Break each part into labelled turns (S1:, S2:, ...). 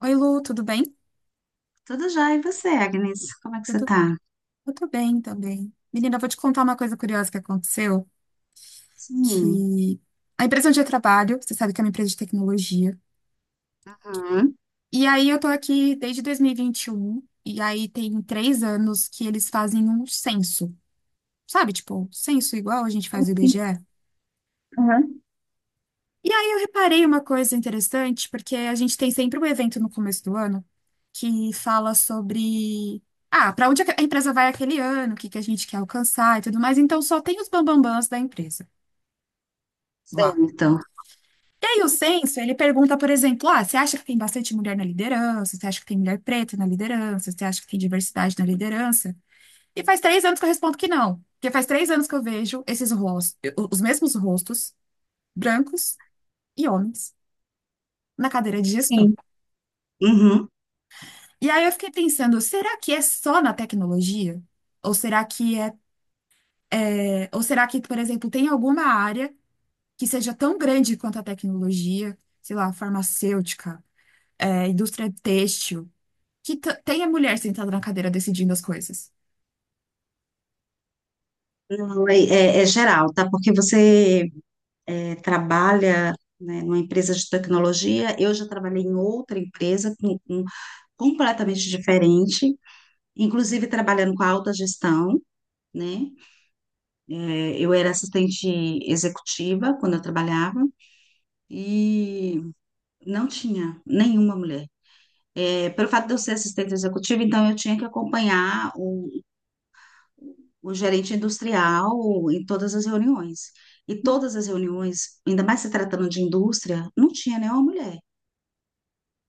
S1: Oi, Lu, tudo bem?
S2: Tudo já, e você, Agnes? Como é que
S1: Eu
S2: você
S1: tô,
S2: tá?
S1: eu tô bem também. Menina, eu vou te contar uma coisa curiosa que aconteceu,
S2: Sim.
S1: que a empresa onde eu trabalho, você sabe que é uma empresa de tecnologia,
S2: Uhum.
S1: e aí eu tô aqui desde 2021, e vinte e um, e aí tem 3 anos que eles fazem um censo, sabe? Tipo, censo igual a gente faz o IBGE.
S2: Enfim, aham.
S1: E aí eu reparei uma coisa interessante, porque a gente tem sempre um evento no começo do ano que fala sobre, ah, para onde a empresa vai aquele ano, o que que a gente quer alcançar e tudo mais. Então só tem os bambambãs da empresa lá.
S2: Certo.
S1: E aí o censo, ele pergunta, por exemplo, ah, você acha que tem bastante mulher na liderança? Você acha que tem mulher preta na liderança? Você acha que tem diversidade na liderança? E faz 3 anos que eu respondo que não. Porque faz 3 anos que eu vejo esses rostos, os mesmos rostos, brancos e homens, na cadeira de gestão.
S2: Sim. Uhum.
S1: E aí eu fiquei pensando, será que é só na tecnologia? Ou será que é, ou será que, por exemplo, tem alguma área que seja tão grande quanto a tecnologia, sei lá, farmacêutica, é, indústria têxtil, que tenha mulher sentada na cadeira decidindo as coisas?
S2: Não, é geral, tá? Porque você trabalha, né, numa empresa de tecnologia. Eu já trabalhei em outra empresa completamente diferente, inclusive trabalhando com a alta gestão, né? Eu era assistente executiva quando eu trabalhava e não tinha nenhuma mulher. Pelo fato de eu ser assistente executiva, então eu tinha que acompanhar o gerente industrial em todas as reuniões. E todas as reuniões, ainda mais se tratando de indústria, não tinha nenhuma mulher.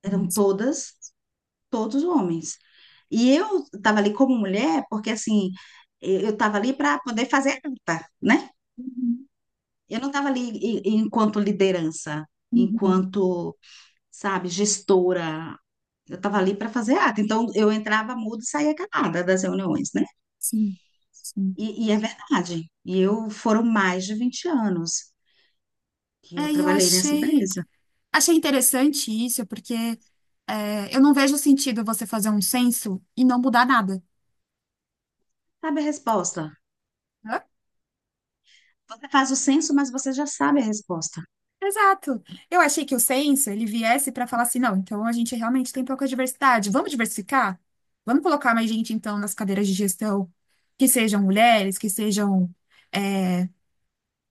S2: Eram todos homens. E eu estava ali como mulher, porque assim, eu estava ali para poder fazer a ata, né?
S1: Uhum,
S2: Eu não estava ali e enquanto liderança,
S1: uhum,
S2: enquanto, sabe, gestora. Eu estava ali para fazer ata. Então, eu entrava muda e saía calada das reuniões, né?
S1: sim, sim.
S2: E é verdade. E eu foram mais de 20 anos que eu
S1: É, e eu
S2: trabalhei nessa
S1: achei,
S2: empresa.
S1: achei interessante isso, porque é, eu não vejo sentido você fazer um censo e não mudar nada,
S2: Sabe a resposta?
S1: né?
S2: Você faz o censo, mas você já sabe a resposta.
S1: Exato. Eu achei que o censo ele viesse para falar assim, não, então a gente realmente tem pouca diversidade. Vamos diversificar? Vamos colocar mais gente então nas cadeiras de gestão, que sejam mulheres, que sejam é,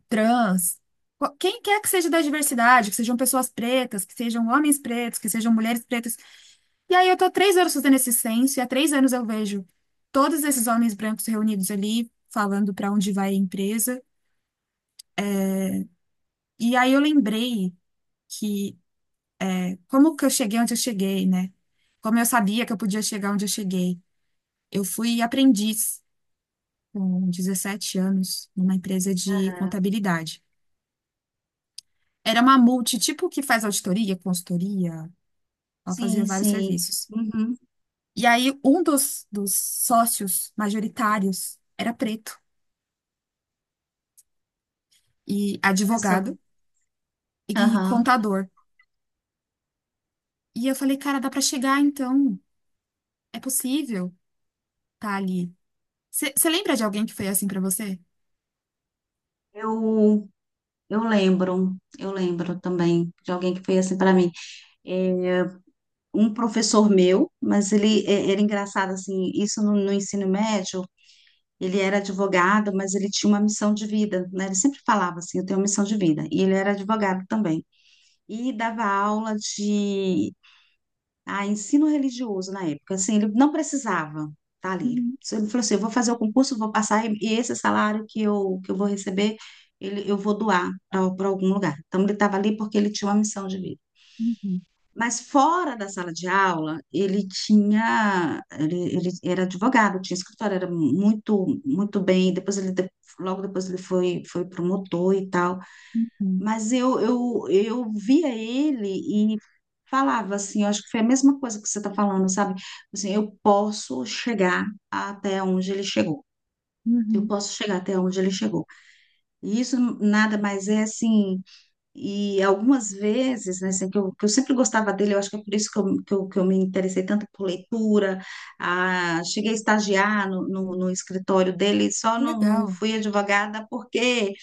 S1: trans, quem quer que seja da diversidade, que sejam pessoas pretas, que sejam homens pretos, que sejam mulheres pretas. E aí eu tô 3 anos fazendo esse censo e há 3 anos eu vejo todos esses homens brancos reunidos ali falando para onde vai a empresa. E aí eu lembrei que como que eu cheguei onde eu cheguei, né? Como eu sabia que eu podia chegar onde eu cheguei. Eu fui aprendiz com 17 anos numa empresa de contabilidade. Era uma multi, tipo que faz auditoria, consultoria, ela fazia
S2: Sim,
S1: vários
S2: sim.
S1: serviços.
S2: Uhum.
S1: E aí um dos sócios majoritários era preto e
S2: Olha só.
S1: advogado e
S2: Aham.
S1: contador. E eu falei, cara, dá pra chegar então, é possível, tá ali. Você lembra de alguém que foi assim pra você?
S2: Eu, eu lembro também de alguém que foi assim para mim. É, Um professor meu, mas ele era engraçado assim, isso no ensino médio. Ele era advogado, mas ele tinha uma missão de vida, né? Ele sempre falava assim: eu tenho uma missão de vida. E ele era advogado também, e dava aula de ensino religioso na época. Assim, ele não precisava estar ali.
S1: Uhum,
S2: Se Ele falou assim: eu vou fazer o concurso, vou passar, e esse salário que eu vou receber, ele, eu vou doar para algum lugar. Então, ele estava ali porque ele tinha uma missão de vida.
S1: uhum,
S2: Mas fora da sala de aula, ele era advogado, tinha escritório, era muito, muito bem. Depois ele, logo depois ele foi, foi promotor e tal.
S1: uhum,
S2: Mas eu via ele e falava assim: eu acho que foi a mesma coisa que você está falando, sabe? Assim, eu posso chegar até onde ele chegou. Eu
S1: uhum.
S2: posso chegar até onde ele chegou. E isso nada mais é assim. E algumas vezes, né, assim, que eu sempre gostava dele, eu acho que é por isso que eu me interessei tanto por leitura. Cheguei a estagiar no escritório dele, só não
S1: Legal.
S2: fui advogada porque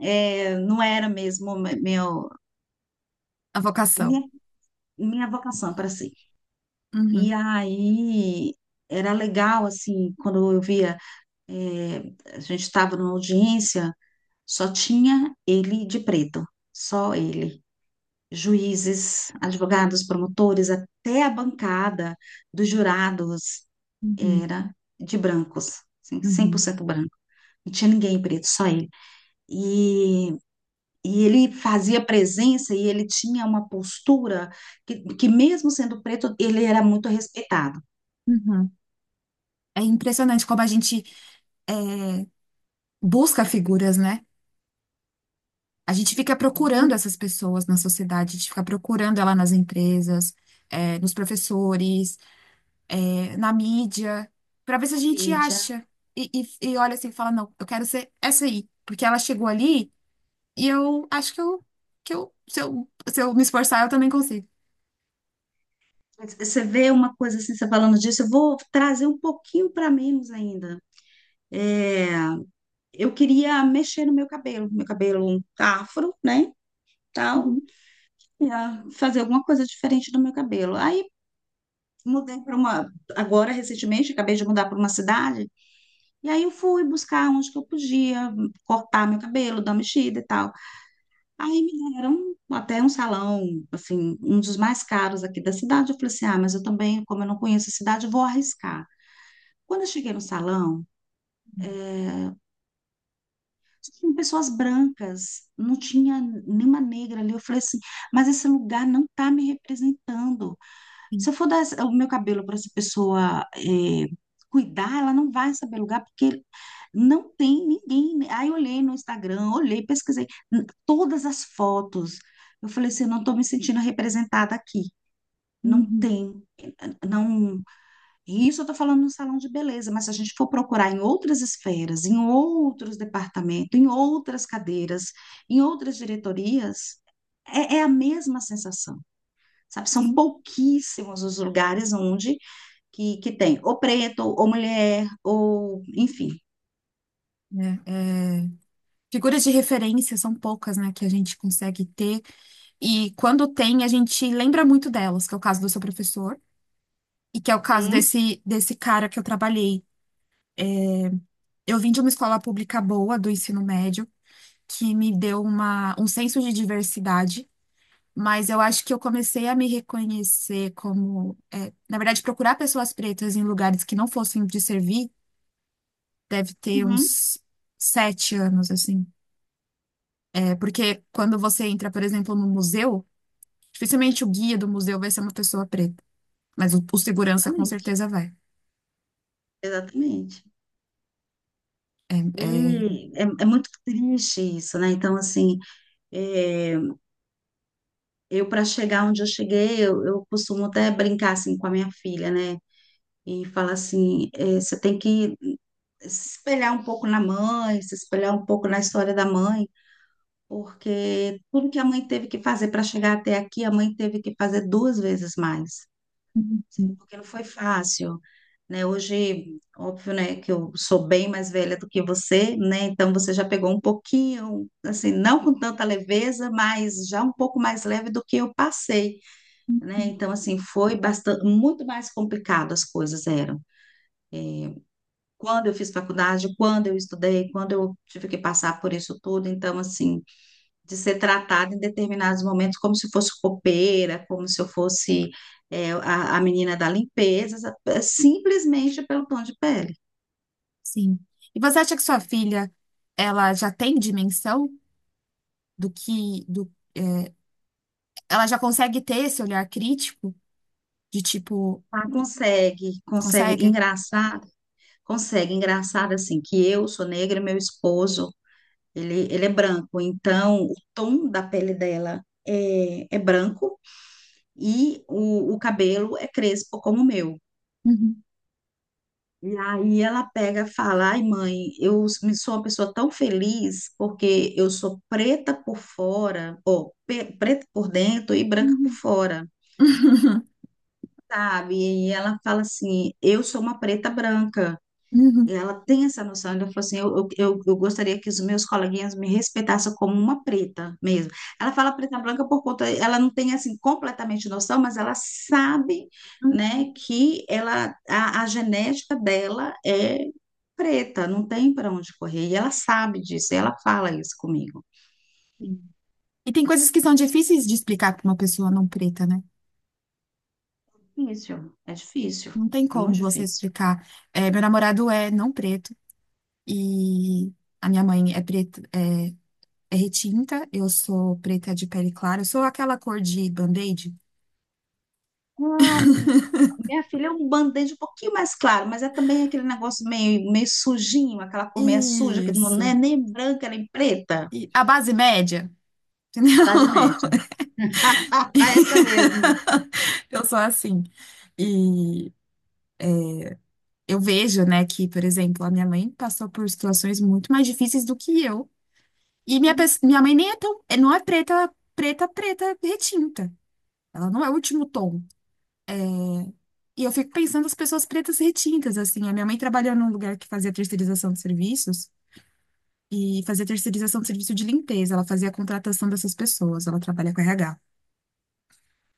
S2: não era mesmo meu,
S1: A vocação.
S2: minha, minha vocação para si.
S1: Uhum,
S2: E aí era legal, assim, quando eu via, eh, a gente estava numa audiência, só tinha ele de preto, só ele. Juízes, advogados, promotores, até a bancada dos jurados
S1: uhum,
S2: era de brancos, assim, cem por
S1: uhum,
S2: cento branco. Não tinha ninguém preto, só ele. E E ele fazia presença e ele tinha uma postura que mesmo sendo preto, ele era muito respeitado.
S1: uhum. É impressionante como a gente é, busca figuras, né? A gente fica procurando
S2: Muito.
S1: essas pessoas na sociedade, a gente fica procurando ela nas empresas, é, nos professores, é, na mídia, para ver se a gente
S2: Bíblia.
S1: acha. E, e olha assim, e fala, não, eu quero ser essa aí, porque ela chegou ali e eu acho que eu, se eu, se eu me esforçar, eu também consigo.
S2: Você vê uma coisa assim, você falando disso, eu vou trazer um pouquinho para menos ainda. É, eu queria mexer no meu cabelo afro, né, tal,
S1: Uhum,
S2: e, ah, fazer alguma coisa diferente do meu cabelo. Aí agora recentemente, acabei de mudar para uma cidade, e aí eu fui buscar onde que eu podia cortar meu cabelo, dar uma mexida e tal. Aí me deram até um salão, assim, um dos mais caros aqui da cidade. Eu falei assim: ah, mas eu também, como eu não conheço a cidade, vou arriscar. Quando eu cheguei no salão, só tinham pessoas brancas, não tinha nenhuma negra ali. Eu falei assim: mas esse lugar não está me representando. Se
S1: sim,
S2: eu for dar o meu cabelo para essa pessoa cuidar, ela não vai saber lugar, porque não tem ninguém. Aí eu olhei no Instagram, olhei, pesquisei todas as fotos. Eu falei assim: eu não estou me sentindo representada aqui. Não
S1: uhum,
S2: tem, não. E isso eu estou falando no salão de beleza, mas se a gente for procurar em outras esferas, em outros departamentos, em outras cadeiras, em outras diretorias, é a mesma sensação, sabe? São
S1: sim.
S2: pouquíssimos os lugares onde que tem ou preto, ou mulher, ou enfim.
S1: É, é, figuras de referência são poucas, né, que a gente consegue ter. E quando tem, a gente lembra muito delas, que é o caso do seu professor, e que é o caso
S2: Uhum,
S1: desse cara que eu trabalhei. Eu vim de uma escola pública boa do ensino médio, que me deu uma, um senso de diversidade, mas eu acho que eu comecei a me reconhecer como, é, na verdade, procurar pessoas pretas em lugares que não fossem de servir, deve ter
S2: uhum,
S1: uns 7 anos, assim. É, porque quando você entra, por exemplo, no museu, dificilmente o guia do museu vai ser uma pessoa preta, mas o segurança com
S2: exatamente,
S1: certeza vai.
S2: exatamente. E é, é muito triste isso, né? Então, assim, é, eu, para chegar onde eu cheguei, eu costumo até brincar assim com a minha filha, né? E falar assim: eh, você tem que se espelhar um pouco na mãe, se espelhar um pouco na história da mãe, porque tudo que a mãe teve que fazer para chegar até aqui, a mãe teve que fazer duas vezes mais, assim,
S1: Uhum.
S2: porque não foi fácil, né? Hoje, óbvio, né, que eu sou bem mais velha do que você, né? Então você já pegou um pouquinho, assim, não com tanta leveza, mas já um pouco mais leve do que eu passei, né? Então, assim, foi bastante, muito mais complicado as coisas eram. Quando eu fiz faculdade, quando eu estudei, quando eu tive que passar por isso tudo, então, assim, de ser tratada em determinados momentos como se fosse copeira, como se eu fosse a menina da limpeza, simplesmente pelo tom de pele.
S1: Sim. E você acha que sua filha, ela já tem dimensão do que, do, é, ela já consegue ter esse olhar crítico de tipo,
S2: Ela Consegue, consegue
S1: consegue?
S2: engraçar, consegue engraçar, assim, que eu sou negra e meu esposo, ele é branco, então o tom da pele dela é branco, e o cabelo é crespo como o meu.
S1: Uhum.
S2: E aí ela pega e fala: ai mãe, eu sou uma pessoa tão feliz porque eu sou preta por fora, ou preta por dentro e branca por
S1: Uhum.
S2: fora, sabe? E ela fala assim: eu sou uma preta branca.
S1: Uhum.
S2: E ela tem essa noção, ela falou assim: eu, eu gostaria que os meus coleguinhas me respeitassem como uma preta mesmo. Ela fala preta branca por conta, ela não tem assim completamente noção, mas ela sabe,
S1: Uhum.
S2: né, que ela, a genética dela é preta, não tem para onde correr, e ela sabe disso, e ela fala isso comigo.
S1: Sim. E tem coisas que são difíceis de explicar para uma pessoa não preta, né?
S2: Difícil,
S1: Não tem
S2: é
S1: como
S2: muito
S1: você
S2: difícil.
S1: explicar. É, meu namorado é não preto e a minha mãe é preta, é, é retinta, eu sou preta de pele clara, eu sou aquela cor de band-aid.
S2: Ah, minha filha é um band-aid um pouquinho mais claro, mas é também aquele negócio meio, meio sujinho, aquela cor meio suja, que não é
S1: Isso.
S2: nem branca nem preta.
S1: E a base média, entendeu?
S2: Base média. Ah, essa mesma.
S1: Eu sou assim. E eu vejo, né, que, por exemplo, a minha mãe passou por situações muito mais difíceis do que eu. E minha,
S2: Hum,
S1: pes- minha mãe nem é tão, é, não é preta, preta, preta retinta. Ela não é o último tom. E eu fico pensando as pessoas pretas retintas, assim. A minha mãe trabalhou num lugar que fazia terceirização de serviços, e fazia terceirização de serviço de limpeza. Ela fazia a contratação dessas pessoas, ela trabalha com RH.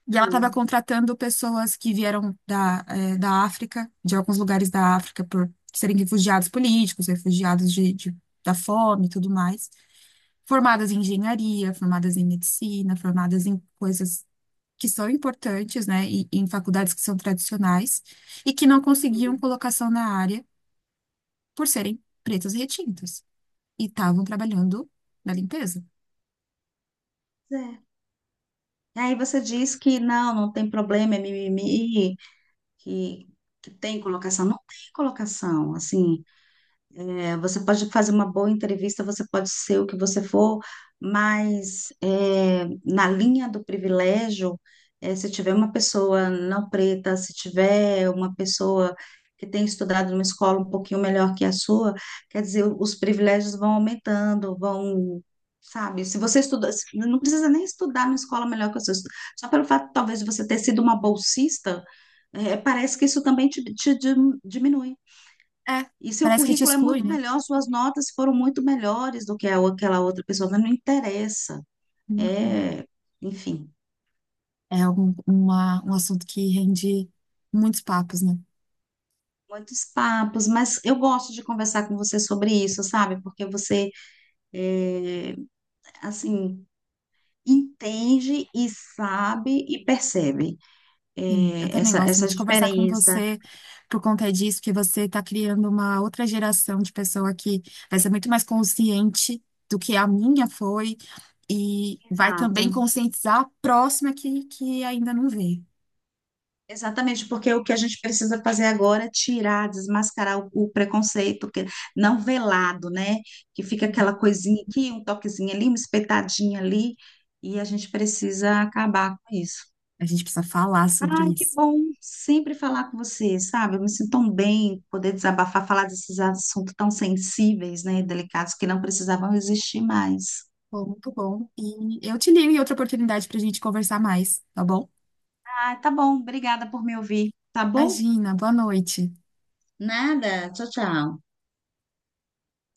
S1: E ela estava
S2: hum.
S1: contratando pessoas que vieram da África, de alguns lugares da África, por serem refugiados políticos, refugiados da fome e tudo mais. Formadas em engenharia, formadas em medicina, formadas em coisas que são importantes, né, e em faculdades que são tradicionais, e que não conseguiam colocação na área por serem pretas e retintas, e estavam trabalhando na limpeza.
S2: É. E aí você diz que não, não tem problema, é mimimi, que, que tem colocação. Não tem colocação, assim. É, você pode fazer uma boa entrevista, você pode ser o que você for, mas na linha do privilégio, se tiver uma pessoa não preta, se tiver uma pessoa que tem estudado numa escola um pouquinho melhor que a sua, quer dizer, os privilégios vão aumentando, vão, sabe? Se você estuda, se- não precisa nem estudar numa escola melhor que a sua, só pelo fato, talvez, de você ter sido uma bolsista, eh, parece que isso também te diminui.
S1: É,
S2: E seu
S1: parece que te
S2: currículo é
S1: exclui,
S2: muito
S1: né?
S2: melhor, suas notas foram muito melhores do que aquela outra pessoa, mas não interessa.
S1: Uhum.
S2: É, Enfim,
S1: É algum, uma, um assunto que rende muitos papos, né?
S2: muitos papos, mas eu gosto de conversar com você sobre isso, sabe? Porque você, é, assim, entende e sabe e percebe,
S1: Sim, eu
S2: é,
S1: também
S2: essa,
S1: gosto
S2: essa
S1: muito de conversar com
S2: diferença.
S1: você por conta disso, porque você está criando uma outra geração de pessoa que vai ser muito mais consciente do que a minha foi e vai também
S2: Exato.
S1: conscientizar a próxima que ainda não vê.
S2: Exatamente, porque o que a gente precisa fazer agora é tirar, desmascarar o preconceito, que não velado, né? Que fica aquela
S1: Uhum.
S2: coisinha aqui, um toquezinho ali, uma espetadinha ali, e a gente precisa acabar com isso.
S1: A gente precisa falar sobre
S2: Ai, que
S1: isso.
S2: bom sempre falar com você, sabe? Eu me sinto tão bem poder desabafar, falar desses assuntos tão sensíveis, né? Delicados que não precisavam existir mais.
S1: Bom, muito bom. E eu te ligo em outra oportunidade para a gente conversar mais, tá bom?
S2: Ah, tá bom, obrigada por me ouvir, tá bom?
S1: Imagina, boa noite.
S2: Nada, tchau, tchau.